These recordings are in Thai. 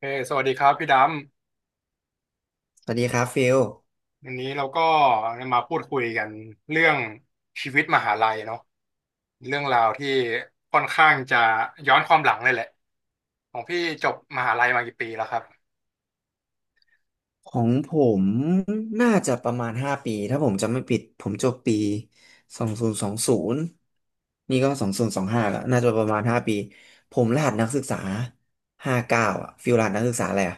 สวัสดีครับพี่ดสวัสดีครับฟิลำวันนี้เราก็มาพูดคุยกันเรื่องชีวิตมหาลัยเนาะเรื่องราวที่ค่อนข้างจะย้อนความหลังเลยแหละของพี่จบมหาลัยมากี่ปีแล้วครับของผมน่าจะประมาณห้าปีถ้าผมจำไม่ผิดผมจบปีสองศูนย์สองศูนย์นี่ก็สองศูนย์สองห้าแล้วน่าจะประมาณห้าปีผมรหัสนักศึกษาห้าเก้าอ่ะฟิลรหัสนักศึกษาอะไรอ่ะ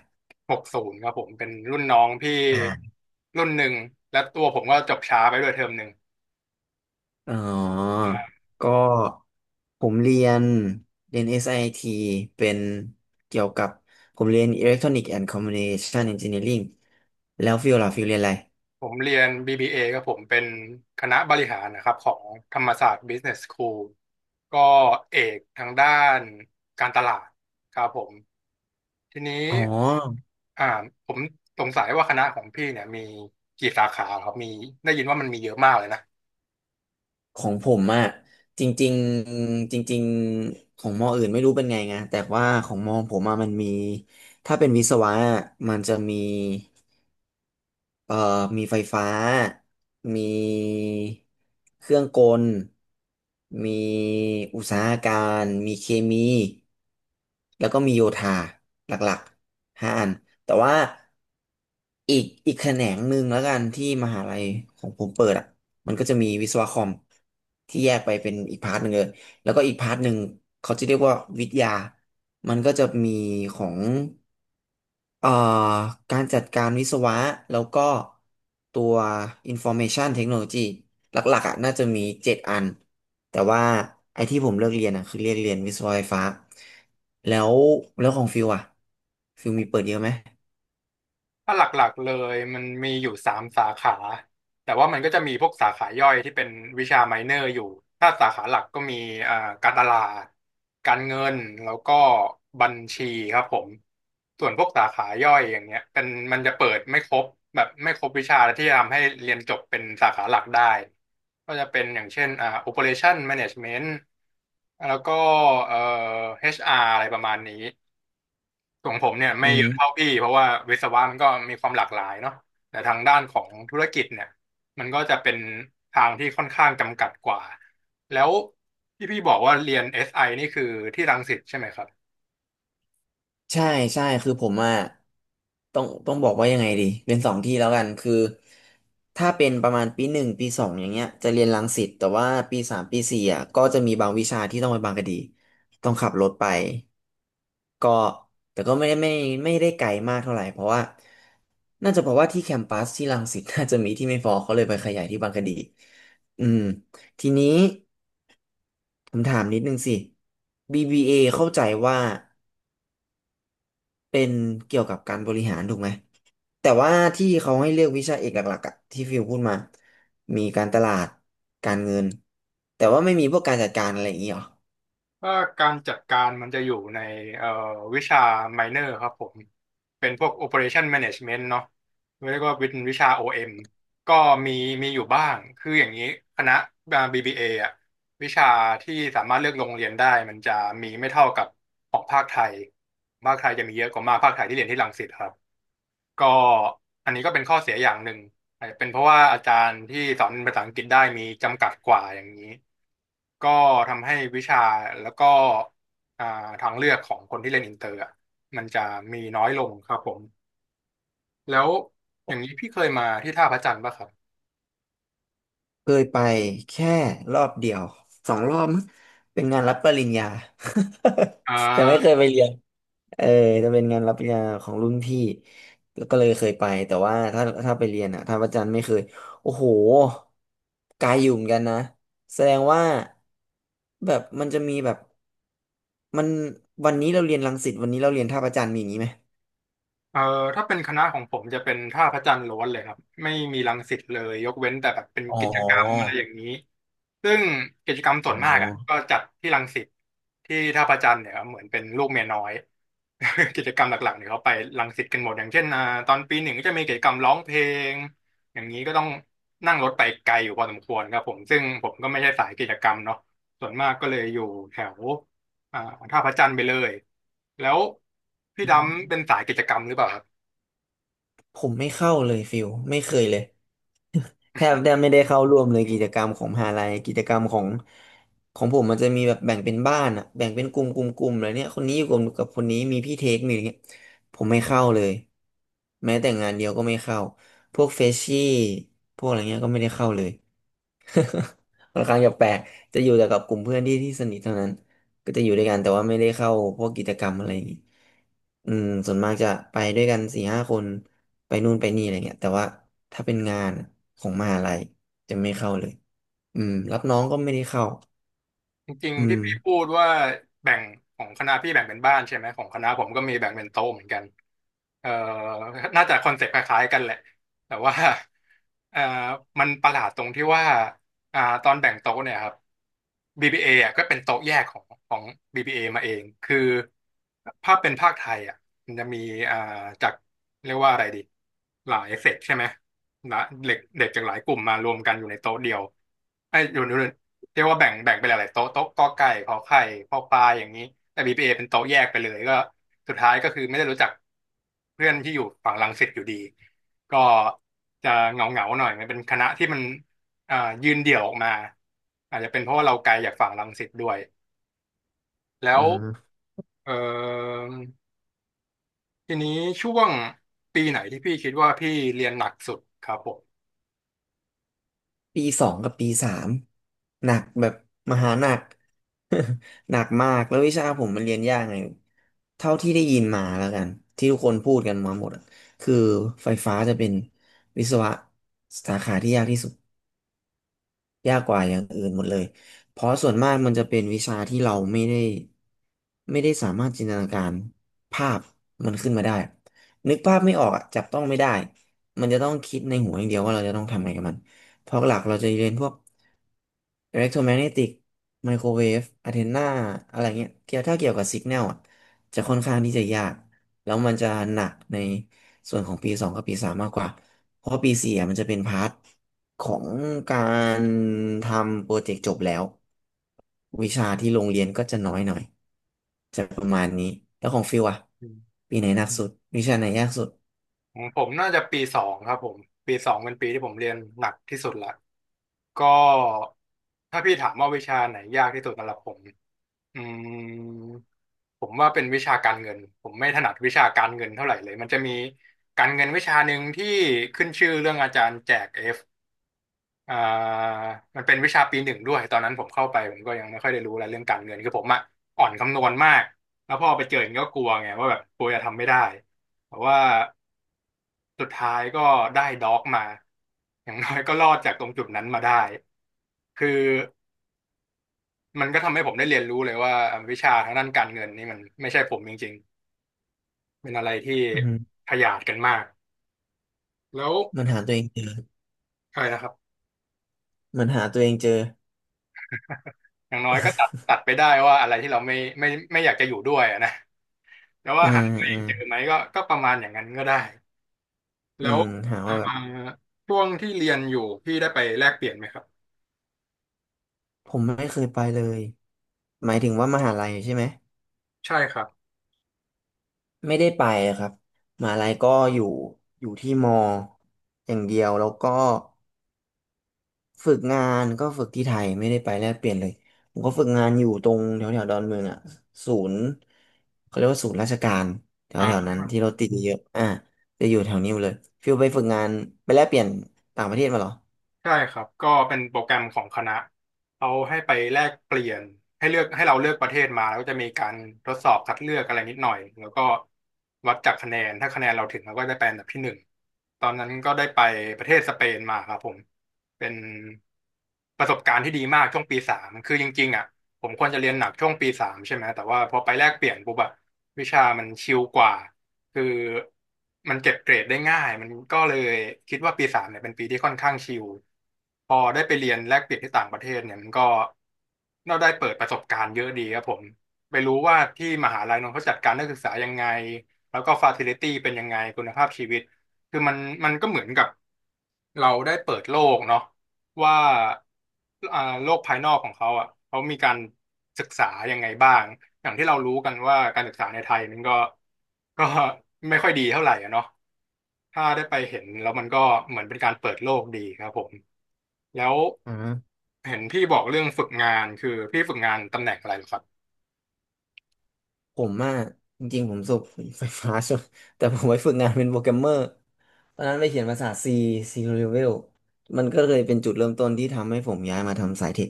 หกศูนย์ครับผมเป็นรุ่นน้องพี่อ่ารุ่นหนึ่งและตัวผมก็จบช้าไปด้วยเทอมหนึ่ง อ๋อก็ผมเรียน SIT เป็นเกี่ยวกับผมเรียน Electronic and Communication Engineering แล้วฟิลล่ะฟิลเรียนอะไรผมเรียน BBA ก็ผมเป็นคณะบริหารนะครับของธรรมศาสตร์ Business School ก็เอกทางด้านการตลาดครับผมทีนี้อ๋อ อ่าผมสงสัยว่าคณะของพี่เนี่ยมีกี่สาขาครับมีได้ยินว่ามันมีเยอะมากเลยนะ ของผมอะจริงๆจริงๆของมออื่นไม่รู้เป็นไงแต่ว่าของมอผมอะมันมีถ้าเป็นวิศวะะมันจะมี เอ่อมีไฟฟ้ามีเครื่องกลมีอุตสาหการมีเคมีแล้วก็มีโยธาหลักๆห้าอันแต่ว่าอีกแขนงหนึ่งแล้วกันที่มหาลัยของผมเปิดอ่ะมันก็จะมีวิศวะคอมที่แยกไปเป็นอีกพาร์ทหนึ่งเลยแล้วก็อีกพาร์ทหนึ่งเขาจะเรียกว่าวิทยามันก็จะมีของ เอ่อการจัดการวิศวะแล้วก็ตัว Information Technology หลักๆอ่ะน่าจะมีเจ็ดอันแต่ว่าไอ้ที่ผมเลือกเรียนอ่ะคือเรียนวิศวะไฟฟ้าแล้วแล้วของฟิวอ่ะฟิวมีเปิดเยอะไหมถ้าหลักๆเลยมันมีอยู่สามสาขาแต่ว่ามันก็จะมีพวกสาขาย่อยที่เป็นวิชาไมเนอร์อยู่ถ้าสาขาหลักก็มีเอ่อการตลาดการเงินแล้วก็บัญชีครับผมส่วนพวกสาขาย่อยอย่างเงี้ยเป็นมันจะเปิดไม่ครบแบบไม่ครบวิชาที่จะทำให้เรียนจบเป็นสาขาหลักได้ก็จะเป็นอย่างเช่นOperation Management แล้วก็เอ่อ HR อชอาร์อะไรประมาณนี้ ของผมเนี่ยอืไม่เยอะเท่ามพี่เพราะว่าวิศวะมันก็มีความหลากหลายเนาะแต่ทางด้านของธุรกิจเนี่ยมันก็จะเป็นทางที่ค่อนข้างจำกัดกว่าแล้วที่พี่บอกว่าเรียน SI นี่คือที่รังสิตใช่ไหมครับ ใช่ใช่คือผมอ่ะต้องบอกว่ายังไงดีเป็นสองที่แล้วกันคือถ้าเป็นประมาณปีหนึ่งปีสองอย่างเงี้ยจะเรียนรังสิตแต่ว่าปีสามปีสี่อ่ะก็จะมีบางวิชาที่ต้องไปบางกะดีต้องขับรถไป ก็แต่ก็ไม่ได้ไม่ไม่ได้ไกลมากเท่าไหร่เพราะว่าน่าจะเพราะว่าที่แคมปัสที่รังสิต น่าจะมีที่ไม่พอเขาเลยไปขยายที่บางกะดีอืมทีนี้ผมถามนิดนึงสิ BBA เอเข้าใจว่าเป็นเกี่ยวกับการบริหารถูกไหมแต่ว่าที่เขาให้เลือกวิชาเอกหลักๆอะที่ฟิวพูดมามีการตลาดการเงินแต่ว่าไม่มีพวกการจัดการอะไรอย่างนี้หรอ ถ้าการจัดการมันจะอยู่ในเอ่อวิชาไมเนอร์ครับผมเป็นพวก operation management เปอเรชั่นแมเนจเมนต์เนาะเรียกว่าเป็นวิชา OM ก็มีมีอยู่บ้างคืออย่างนี้คณะBBA ออะวิชาที่สามารถเลือกโรงเรียนได้มันจะมีไม่เท่ากับของภาคไทยจะมีเยอะกว่ามากภาคไทยที่เรียนที่รังสิตครับก็อันนี้ก็เป็นข้อเสียอย่างหนึ่ง อาจจะเป็นเพราะว่าอาจารย์ที่สอนภาษาอังกฤษได้มีจำกัดกว่าอย่างนี้ก็ทำให้วิชาแล้วก็อ่าทางเลือกของคนที่เรียนอินเตอร์อะมันจะมีน้อยลงครับผมแล้วอย่างนี้พี่เคยมาที่ท่าพระจันทร์ป่ะครับเคยไปแค่รอบเดียวสองรอบมั้งเป็นงานรับปริญญา อ่ แต่ไม่เคยา ไปเรียนเออจะเป็นงานรับปริญญาของรุ่นพี่แล้วก็เลยเคยไปแต่ว่าถ้าไปเรียนอ่ะทางอาจารย์ไม่เคยโอ้โหไกลอยู่เหมือนกันนะแสดงว่าแบบมันจะมีแบบมันวันนี้เราเรียนรังสิตวันนี้เราเรียนท่าพระจันทร์มีอย่างนี้ไหมเอ่อถ้าเป็นคณะของผมจะเป็นท่าพระจันทร์ล้วนเลยครับไม่มีรังสิตเลยยกเว้นแต่แบบเป็นอ๋กิจกรรมอะไรออย่างนี้ซึ่งกิจกรรมส่อ๋วอ นมากอ่ะก็จัดที่รังสิตที่ท่าพระจันทร์เนี่ยครับเหมือนเป็นลูกเมียน้อย กิจกรรมหลักๆเนี่ยเขาไปรังสิตกันหมดอย่างเช่นตอนปีหนึ่งก็จะมีกิจกรรมร้องเพลงอย่างนี้ก็ต้องนั่งรถไปไกลอยู่พอสมควรครับผมซึ่งผมก็ไม่ใช่สายกิจกรรมเนาะส่วนมากก็เลยอยู่แถว อ่าท่าพระจันทร์ไปเลยแล้วพี่ดำเป็นสายกิจกรรมหรือเปล่าครับผมไม่เข้าเลยฟิลไม่เคยเลย แทบไม่ได้เข้าร่วมเลยกิจกรรมของมหาลัยกิจกรรมของของผมมันจะมีแบบแบ่งเป็นบ้านอะแบ่งเป็นกลุ่มอะไรเนี่ยคนนี้อยู่กลุ่มกับคนนี้มีพี่เทคมีอะไรเงี้ยผมไม่เข้าเลยแม้แต่งานเดียวก็ไม่เข้าพวกเฟชชี่พวกอะไรเงี้ยก็ไม่ได้เข้าเลย ค่อนข้างจะแปลกจะอยู่แต่กับกลุ่มเพื่อนที่สนิทเท่านั้นก็จะอยู่ด้วยกันแต่ว่าไม่ได้เข้าพวกกิจกรรมอะไรอย่างงี้อืมส่วนมากจะไปด้วยกันสี่ห้าคนไปนู่นไปนี่อะไรเงี้ยแต่ว่าถ้าเป็นงานของมหาลัยจะไม่เข้าเลยอืมรับน้องก็ไม่ได้เข้าจริงอืๆที่มพี่พูดว่าแบ่งของคณะพี่แบ่งเป็นบ้านใช่ไหมของคณะผมก็มีแบ่งเป็นโต๊ะเหมือนกันเอ่อน่าจะคอนเซ็ปต์คล้ายๆกันแหละแต่ว่าเอ่อมันประหลาดตรงที่ว่าตอนแบ่งโต๊ะเนี่ยครับ b p a ออ่ะก็เป็นโต๊ะแยกของ BBA มาเองคือภาพเป็นภาคไทยอ่ะมันจะมีอ่าจากเรียกว่าอะไรดีหลายเซกใช่ไหม นะเด็กเด็กจากหลายกลุ่มมารวมกันอยู่ในโต๊ะเดียวไอ้ยอยู่ในเรียกว่าแบ่งไปหลายๆโต๊ะโต๊ะกอไก่ขอไข่พอปลาอย่างนี้แต่บีพีเอเป็นโต๊ะแยกไปเลยก็สุดท้ายก็คือไม่ได้รู้จักเพื่อนที่อยู่ฝั่งรังสิตอยู่ดีก็จะเหงาเงาหน่อยมันเป็นคณะที่มันอ่ายืนเดี่ยวออกมาอาจจะเป็นเพราะว่าเราไกลจากฝั่งรังสิตด้วยแล้อืวม เอ่อทีนี้ช่วงปีไหนที่พี่คิดว่าพี่เรียนหนักสุดครับผปีสองกับปีสามหนักแบบมหาหนัก หนักมากแล้ววิชาผมมันเรียนยากไงเท่าที่ได้ยินมาแล้วกันที่ทุกคนพูดกันมาหมดอะคือไฟฟ้าจะเป็นวิศวะสาขาที่ยากที่สุดยากกว่าอย่างอื่นหมดเลยเพราะส่วนมากมันจะเป็นวิชาที่เราไม่ได้สามารถจินตนาการภาพมันขึ้นมาได้นึกภาพไม่ออกอะจับต้องไม่ได้มันจะต้องคิดในหัวอย่างเดียวว่าเราจะต้องทำไงกับมันเพราะหลักเราจะเรียนพวก อิเล็กโทรแมกเนติกไมโครเวฟอะเทนาอะไรเงี้ยเกี่ยวถ้าเกี่ยวกับสิกแนลอ่ะจะค่อนข้างที่จะยากแล้วมันจะหนักในส่วนของปีสองกับปีสามมากกว่าเพราะปีสี่อะมันจะเป็นพาร์ทของการทำโปรเจกต์จบแล้ววิชาที่โรงเรียนก็จะน้อยหน่อยจะประมาณนี้แล้วของฟิวอ่ะม ปีไหนหนักสุดวิชาไหนยากสุดผมน่าจะปีสองครับผมปีสองเป็นปีที่ผมเรียนหนักที่สุดละก็ถ้าพี่ถามว่าวิชาไหนยากที่สุดสำหรับผมอืมผมว่าเป็นวิชาการเงินผมไม่ถนัดวิชาการเงินเท่าไหร่เลยมันจะมีการเงินวิชาหนึ่งที่ขึ้นชื่อเรื่องอาจารย์แจกเอฟอ่ามันเป็นวิชาปีหนึ่งด้วยตอนนั้นผมเข้าไปผมก็ยังไม่ค่อยได้รู้อะไรเรื่องการเงินคือผมอะอ่อนคำนวณมากแล้วพอไปเจออย่างนี้ก็กลัวไงว่าแบบกลัวจะทำไม่ได้แต่ว่า สุดท้ายก็ได้ด็อกมาอย่างน้อย ก็รอดจากตรงจุดนั้นมาได้ คือมันก็ทำให้ผมได้เรียนรู้เลยว่าวิชาทางด้านการเงินนี่มันไม่ใช่ผมจริงๆ เป็นอะไรที่อืมขยาดกันมาก แล้วมันหาตัวเองเจออะไรนะครับมันหาตัวเองเจออย่างน้อยก็ตัดไปได้ว่าอะไรที่เราไม่ไม่อยากจะอยู่ด้วยอะนะแล้วว่าอืหามตัวเออืงมเจอไหมก็ประมาณอย่างนั้นก็ได้อืแล้วมหาอ่าว่าแบบ ช่วงที่เรียนอยู่พี่ได้ไปแลกเปลี่ยนไหมครับผมไม่เคยไปเลย หมายถึงว่ามหาลัยใช่ไหม ใช่ครับไม่ได้ไปครับมหาลัยก็อยู่อยู่ที่มออย่างเดียวแล้วก็ฝึกงานก็ฝึกที่ไทยไม่ได้ไปแลกเปลี่ยนเลยผมก็ฝึกงานอยู่ตรงแถวแถวดอนเมืองอ่ะศูนย์เขาเรียกว่าศูนย์ราชการแถวแถวอ่า นั้นที่เรถติดเยอะๆอ่ะจะอยู่แถวนี้เลยฟิวไปฝึกงานไปแลกเปลี่ยนต่างประเทศมาเหรอใช่ครับก็เป็นโปรแกรมของคณะเขาให้ไปแลกเปลี่ยนให้เลือกให้เราเลือกประเทศมาแล้วก็จะมีการทดสอบคัดเลือกอะไรนิดหน่อยแล้วก็วัดจากคะแนนถ้าคะแนนเราถึงเราก็ได้ไปอันดับที่หนึ่งตอนนั้นก็ได้ไปประเทศสเปนมาครับผมเป็นประสบการณ์ที่ดีมากช่วงปีสามคือจริงๆอ่ะผมควรจะเรียนหนักช่วงปีสามใช่ไหมแต่ว่าพอไปแลกเปลี่ยนปุ๊บอะวิชามันชิลกว่า คือมันเก็บเกรดได้ง่ายมันก็เลยคิดว่าปีสามเนี่ยเป็นปีที่ค่อนข้างชิลพอได้ไปเรียนแลกเปลี่ยนที่ต่างประเทศเนี่ยมันก็เราได้เปิดประสบการณ์เยอะดีครับผมไปรู้ว่าที่มหาลัยนนท์เขาจัดการนักศึกษายังไงแล้วก็ฟาซิลิตี้เป็นยังไงคุณภาพชีวิตคือมันก็เหมือนกับ เราได้เปิดโลกเนาะว่าโลกภายนอกของเขาอ่ะเขามีการศึกษายังไงบ้างอย่างที่เรารู้กันว่าการศึกษาในไทยมันก็ไม่ค่อยดีเท่าไหร่อะเนาะถ้าได้ไปเห็นแล้วมันก็เหมือนเป็นการเปิดโลกดีครับผมแล้วอ่าเห็นพี่บอกเรื่องฝึกงานคือพี่ฝึกงานตำแหน่งอะไรเหรอครับผมอ่ะจริงๆผมจบไฟฟ้า ใช่ไหมแต่ผมไปฝึกงานเป็นโปรแกรมเมอร์ ตอนนั้นไปเขียนภาษา C C Level มันก็เลยเป็นจุดเริ่มต้นที่ทำให้ผมย้ายมาทำสายเทค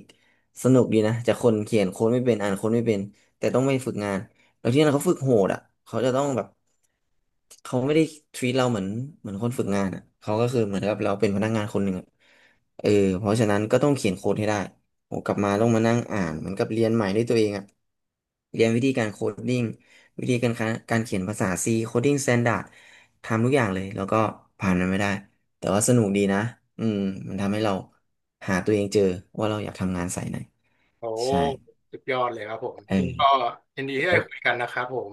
สนุกดีนะจากคนเขียนโค้ดไม่เป็นอ่านโค้ดไม่เป็นแต่ต้องไปฝึกงานแล้วที่นั่นเขาฝึกโหดอ่ะเขาจะต้องแบบเขาไม่ได้ treat เราเหมือนเหมือนคนฝึกงานอ่ะเขาก็คือเหมือนกับเราเป็นพนักงานคนหนึ่งอ่ะเออเพราะฉะนั้นก็ต้องเขียนโค้ดให้ได้โ้กลับมาต้องมานั่งอ่านเหมือนกับเรียนใหม่ด้วยตัวเองอ่ะเรียนวิธีการโคดดิ้ง วิธีการคะการเขียนภาษา C Coding Standard ทำทุกอย่างเลย แล้วก็ผ่านมันไม่ได้ แต่ว่าสนุกดีนะอืมมันทำให้เราหาตัวเองเจอว่าเราอยากทำงานสายไหนโอ้ใช่สุดยอดเลยครับผมเอก็อยินดีที่ได้คุยกันนะครับผม